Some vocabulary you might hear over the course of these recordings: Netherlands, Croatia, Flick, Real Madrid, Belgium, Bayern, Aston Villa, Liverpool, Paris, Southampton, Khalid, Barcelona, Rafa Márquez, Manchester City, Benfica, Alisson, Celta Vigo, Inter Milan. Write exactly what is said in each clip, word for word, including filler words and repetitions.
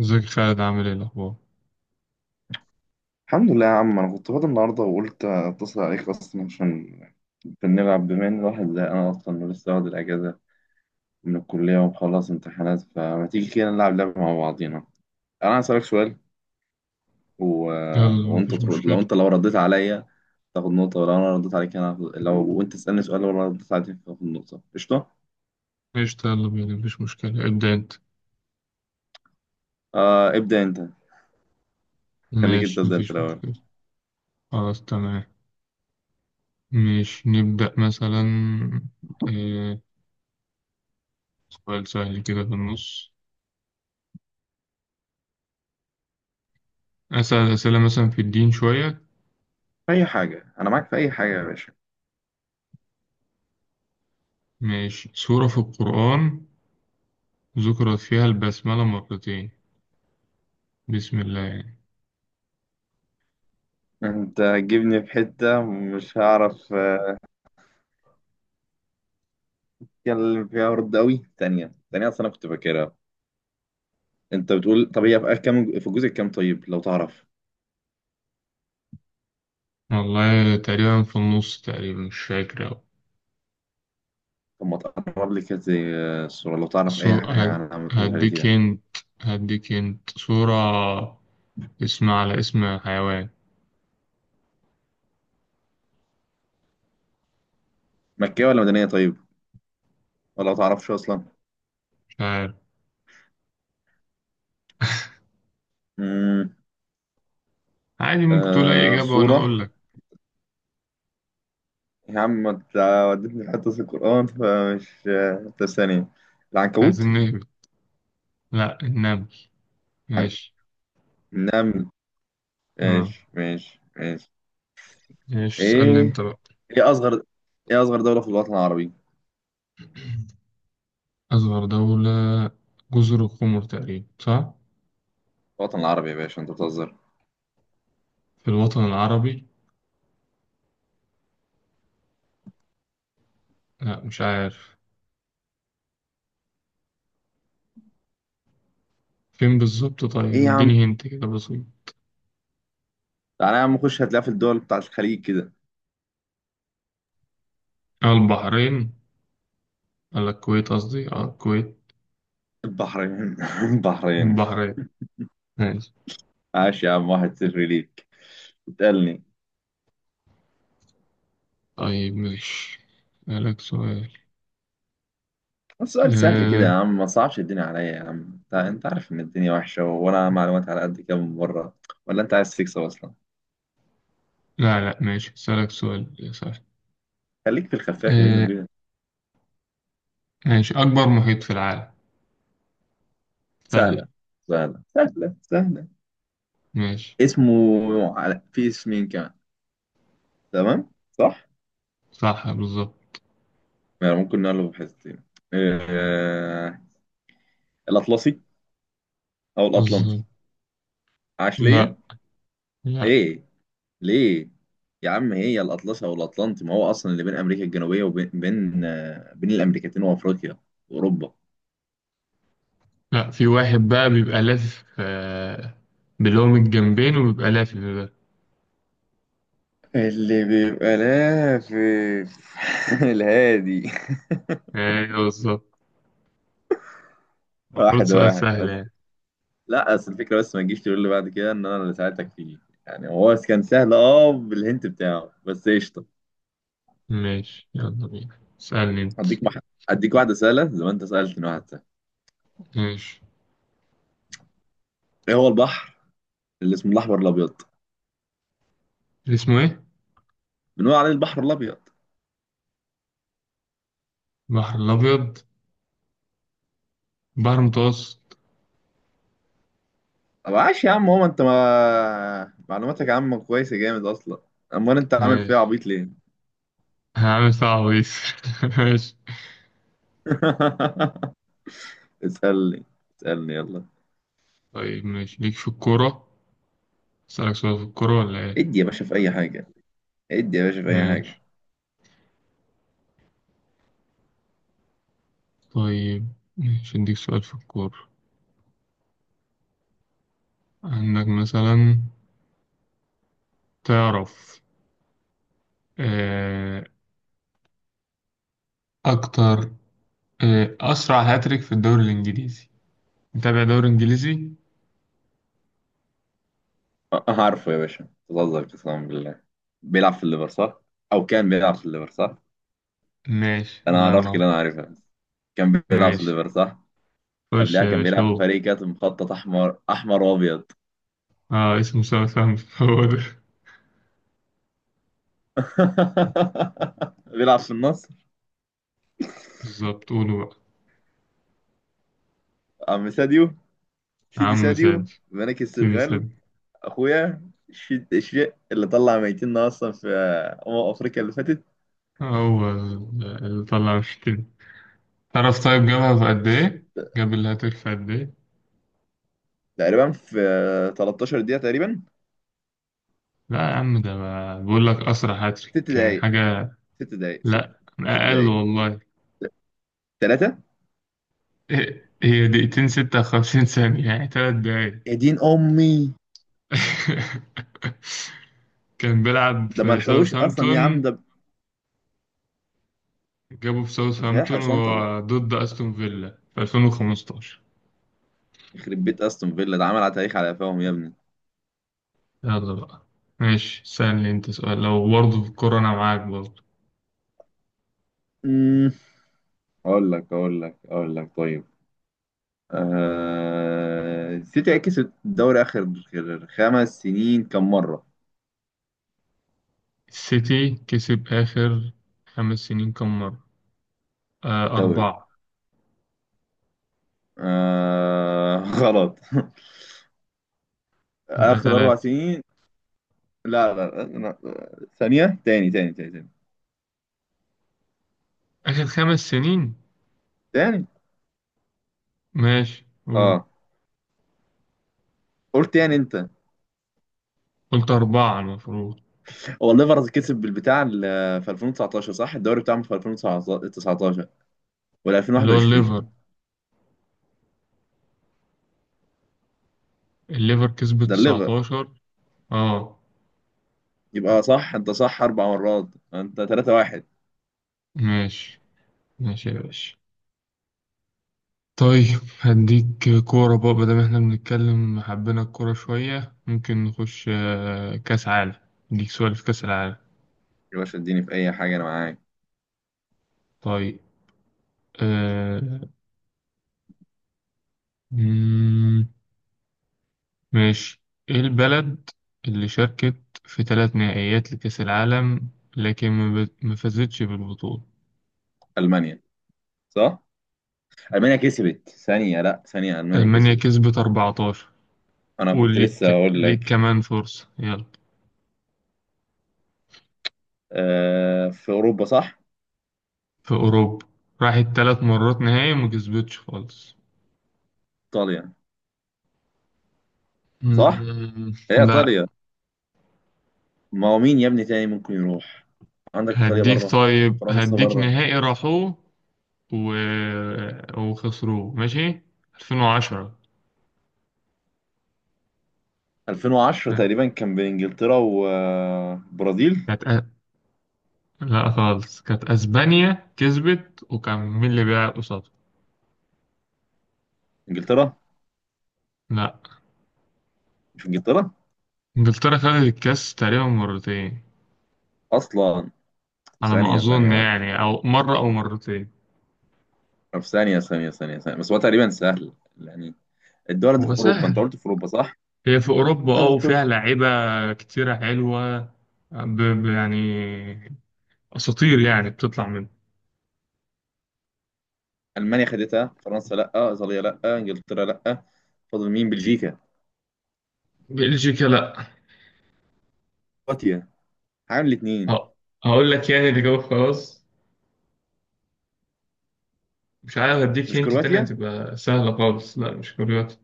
ازيك يا خالد، عامل ايه الاخبار؟ الحمد لله يا عم، انا كنت فاضي النهارده وقلت اتصل عليك اصلا عشان بنلعب، بما ان الواحد زي انا اصلا ولسه واخد الاجازه من الكليه ومخلص امتحانات. فما تيجي كده نلعب لعبه مع بعضينا. انا هسألك سؤال و... يلا وانت مفيش ترد. مشكلة. لو انت لو رديت عليا تاخد نقطه، ولو انا رديت عليك انا هاخد- لو وانت تسألني سؤال لو انا رديت عليك تاخد نقطه. قشطه. قشطة، يلا بينا، مفيش مشكلة، ابدأ انت. آه، ابدا انت. خليك انت، ماشي، ابدا انت مفيش الاول. مشكلة. خلاص تمام. ماشي، نبدأ مثلا. إيه سؤال سهل كده في النص؟ أسأل أسئلة مثلا في الدين شوية. في اي حاجه انا معاك، في اي حاجه يا باشا. ماشي، سورة في القرآن ذكرت فيها البسملة مرتين، بسم الله يعني. انت هتجيبني في حته مش هعرف كان اللي فيها، هارد قوي. تانية تانية، أصل أنا كنت فاكرها. أنت بتقول طب هي في آخر كام، في الجزء الكام طيب لو تعرف. والله تقريبا في النص، تقريبا مش فاكر أوي. طب ما تقرب لي كده، زي آه، الصورة لو تعرف أي سو... حاجة هد- عنها ما تقولش علي هديك كده. هنت. هديك هنت، سورة اسم على اسم حيوان. مكية ولا مدنية طيب، ولا ما تعرفش أصلا؟ مش عارف. امم عادي ممكن تقول أي آه، إجابة وأنا صورة. أقول لك. يا عم أنت وديتني في حتة في القرآن، فمش آه، طب، ثانية. مش عايزين العنكبوت. نهبط، لا النمل. ماشي. نعم. آه، ماشي ماشي ماشي. ماشي اسألني أنت إيه. بقى. إيه أصغر، إيه أصغر دولة في الوطن العربي؟ أصغر دولة؟ جزر القمر تقريبا، صح؟ الوطن العربي يا باشا، أنت بتهزر. في الوطن العربي، لا مش عارف فين بالظبط. طيب إيه يا عم، اديني هنت كده بسيط. تعالى يا عم خش، هتلاقيها في الدول بتاعت الخليج كده. آه، البحرين. ولا الكويت، قصدي اه الكويت. البحرين. البحرين. البحرين. ماشي. عاش يا عم، واحد صفر ليك. اسألني. طيب ماشي أسألك سؤال. السؤال سهل كده يا آه، عم، ما صعبش الدنيا عليا يا عم، انت انت عارف ان الدنيا وحشة، وانا معلومات على قد كده من بره. ولا انت عايز تكسب اصلا؟ لا لا ماشي أسألك سؤال يا سهل. خليك في الخفاف منه آه، كده. ماشي، أكبر محيط في العالم. سهل. سهلة سهلة سهلة. سهلة. ماشي. اسمه، على في اسمين كمان، تمام صح. صح بالظبط. يعني ممكن نقله بحثتين. آه... الأطلسي، أو الأطلنطي. بالظبط. عاش ليا. لا لا ايه، ليه؟ يا عم هي الأطلسي والأطلنطي، ما هو أصلا اللي بين أمريكا الجنوبية وبين بين آه، بين الأمريكتين وأفريقيا وأوروبا. لا في واحد بقى بيبقى لافف آه، بلهم الجنبين وبيبقى لافف بقى. اللي بيبقى لافف، الهادي. أيوه بالظبط. المفروض واحد سؤال واحد سهل بس. يعني. لا أصل الفكرة، بس ما تجيش تقول لي بعد كده إن أنا اللي ساعدتك فيه. يعني هو كان سهل، أه، بالهنت بتاعه، بس قشطة. ماشي، يلا بينا، اسألني أنت. أديك مح... أديك واحدة سهلة زي ما أنت سألتني واحد سهل. ماشي. إيه هو البحر اللي اسمه الأحمر، الأبيض؟ اسمه إيه؟ بنقول عليه البحر الأبيض. البحر الأبيض، البحر المتوسط. طب عاش يا عم، هو انت ما معلوماتك يا عم كويسه جامد اصلا. امال انت عامل فيها ماشي. عبيط ليه؟ هعمل صعب دي. ماشي. اسالني، اسالني يلا. طيب ماشي ليك في الكورة، أسألك سؤال في الكورة ولا إيه؟ ادي يا باشا في اي حاجه، ادي يا باشا في اي حاجه. ماشي. طيب ماشي أديك سؤال في الكورة. عندك مثلا، تعرف آه، أكتر آه، أسرع هاتريك في الدوري الإنجليزي؟ متابع دوري إنجليزي؟ أه، عارفه يا باشا بتهزر قسما بالله. بيلعب في الليفر صح، او كان بيلعب في الليفر صح. ماشي، انا الله اعرفك ينور. اللي انا عارفها بس. كان بيلعب في ماشي، الليفر صح. خش قبلها يا كان باشا بيلعب في هو. فريق كانت مخطط احمر احمر وابيض. اه اسمه سام سام. هو ده. بيلعب في النصر. بالظبط، قوله بقى. عم ساديو، سيدي عم ساديو، سعد. ملك سيدي السنغال. سعد. اخويا، الشيء الشيء اللي طلع ميتنا اصلا في آه، امم افريقيا اللي فاتت. هو اللي طلع، مش كده؟ تعرف طيب جابها في قد إيه؟ جاب الهاتريك في قد إيه؟ تقريبا في تلتاشر دقيقه تقريبا. لا يا عم، ده بقى- بقول لك أسرع ست هاتريك يعني دقائق، حاجة. ست دقائق، ست، لا ست أقل دقائق. والله. ثلاثه. هي دقيقتين، ستة وخمسين ثانية، يعني تلات دقايق. يا دين امي. كان بيلعب ده ما في لحقوش اصلا يا عم ساوثهامبتون. ده، جابه في مش هيلحقوا ساوثهامبتون يسنطروا. وهو ضد أستون فيلا في ألفين وخمستاشر. يخرب بيت استون فيلا، ده عمل على تاريخ على قفاهم يا ابني. يلا بقى. ماشي، سألني أنت سؤال لو برضه في الكورة أنا معاك برضه. أمم، اقول لك اقول لك اقول لك طيب. آه... سيتي كسب الدوري اخر خمس سنين كم مره؟ السيتي كسب آخر خمس سنين كم مرة؟ آه الدوري. أربعة. آه... غلط، يبقى اخر اربع تلاتة. سنين. لا لا لا، لا، ثانيه، تاني تاني تاني تاني آخر خمس سنين. تاني. ماشي قول. اه، قلت يعني انت. قلت أربعة المفروض. هو الليفرز كسب بالبتاع ال- في ألفين وتسعتاشر صح، الدوري بتاعهم في ألفين وتسعتاشر ولا اللي هو الليفر. ألفين وواحد وعشرين؟ الليفر كسبت ده الليفر. تسعتاشر. اه. يبقى صح، انت صح اربع مرات. انت تلاتة واحد. ماشي، ماشي يا باشا. طيب هديك كورة بقى، بدل ما احنا بنتكلم حبينا الكورة شوية ممكن نخش آه، كأس عالم. اديك سؤال في كأس العالم. يا باشا اديني في اي حاجه انا معاك. طيب. آه، مم، ماشي. ايه البلد اللي شاركت في ثلاث نهائيات لكأس العالم لكن ما بت- ما فازتش بالبطولة؟ المانيا. صح. المانيا كسبت، ثانيه لا ثانيه، المانيا ألمانيا كسبت. كسبت أربعة عشر. انا قول كنت لسه ليك، اقول ليك لك. كمان فرصة، يلا. آه، في اوروبا صح. في أوروبا، راحت ثلاث مرات نهائي وما كسبتش خالص. ايطاليا. صح، مم، هي لا. ايطاليا. ما هو مين يا ابني تاني ممكن يروح؟ عندك ايطاليا هديك، بره، طيب فرنسا هديك بره. نهائي راحوه و... وخسروه. ماشي، ألفين وعشرة. ألفين وعشرة لا، تقريبا كان بين انجلترا وبرازيل. كانت أ... لا خالص، كانت أسبانيا كسبت، وكان مين اللي بيلعب قصادها؟ انجلترا. لا. مش انجلترا إنجلترا خدت الكاس تقريبا مرتين، اصلا؟ على ما ثانيه أظن ثانيه يعني، أو مرة أو مرتين. طب ثانيه ثانيه ثانيه ثانيه بس، هو تقريبا سهل يعني. الدول دي في اوروبا، انت وسهل. قلت في اوروبا صح. هي في أوروبا الدول اه، دي في وفيها أوروبا. لعيبة كتيرة حلوة، ب... ب... يعني أساطير يعني بتطلع من. المانيا خدتها، فرنسا لا، ايطاليا لا، انجلترا لا. فاضل مين؟ بلجيكا، بلجيكا لأ. كرواتيا، عامل الاثنين. ه- هقول لك يعني اللي جاوب خلاص. مش عارف. هديك مش هنت تانية كرواتيا؟ هتبقى سهلة خالص. لأ مش كرواتيا.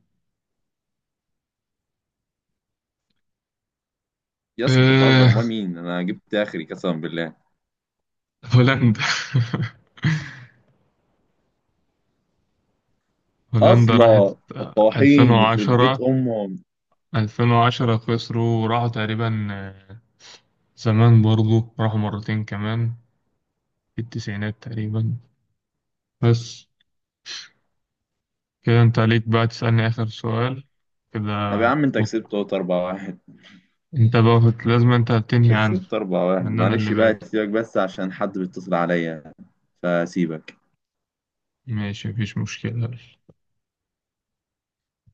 يا اسطى انت بتهزر، امال أه... مين؟ انا جبت اخري قسما بالله. هولندا. هولندا راحت اصلا الطواحين، يخرب بيت ألفين وعشرة. امهم. ألفين وعشرة خسروا، وراحوا تقريبا آه، زمان برضو راحوا مرتين كمان في التسعينات تقريبا. بس كده، انت عليك بقى تسألني آخر سؤال كده. طب يا عم، انت و- كسبت أهوت أربعة واحد. انت بقى لازم انت تنهي انت عنه، كسبت أربعة واحد، لأن أنا اللي معلش بقى بادئ. سيبك بس عشان حد بيتصل عليا، فسيبك. ماشي، مفيش مشكلة.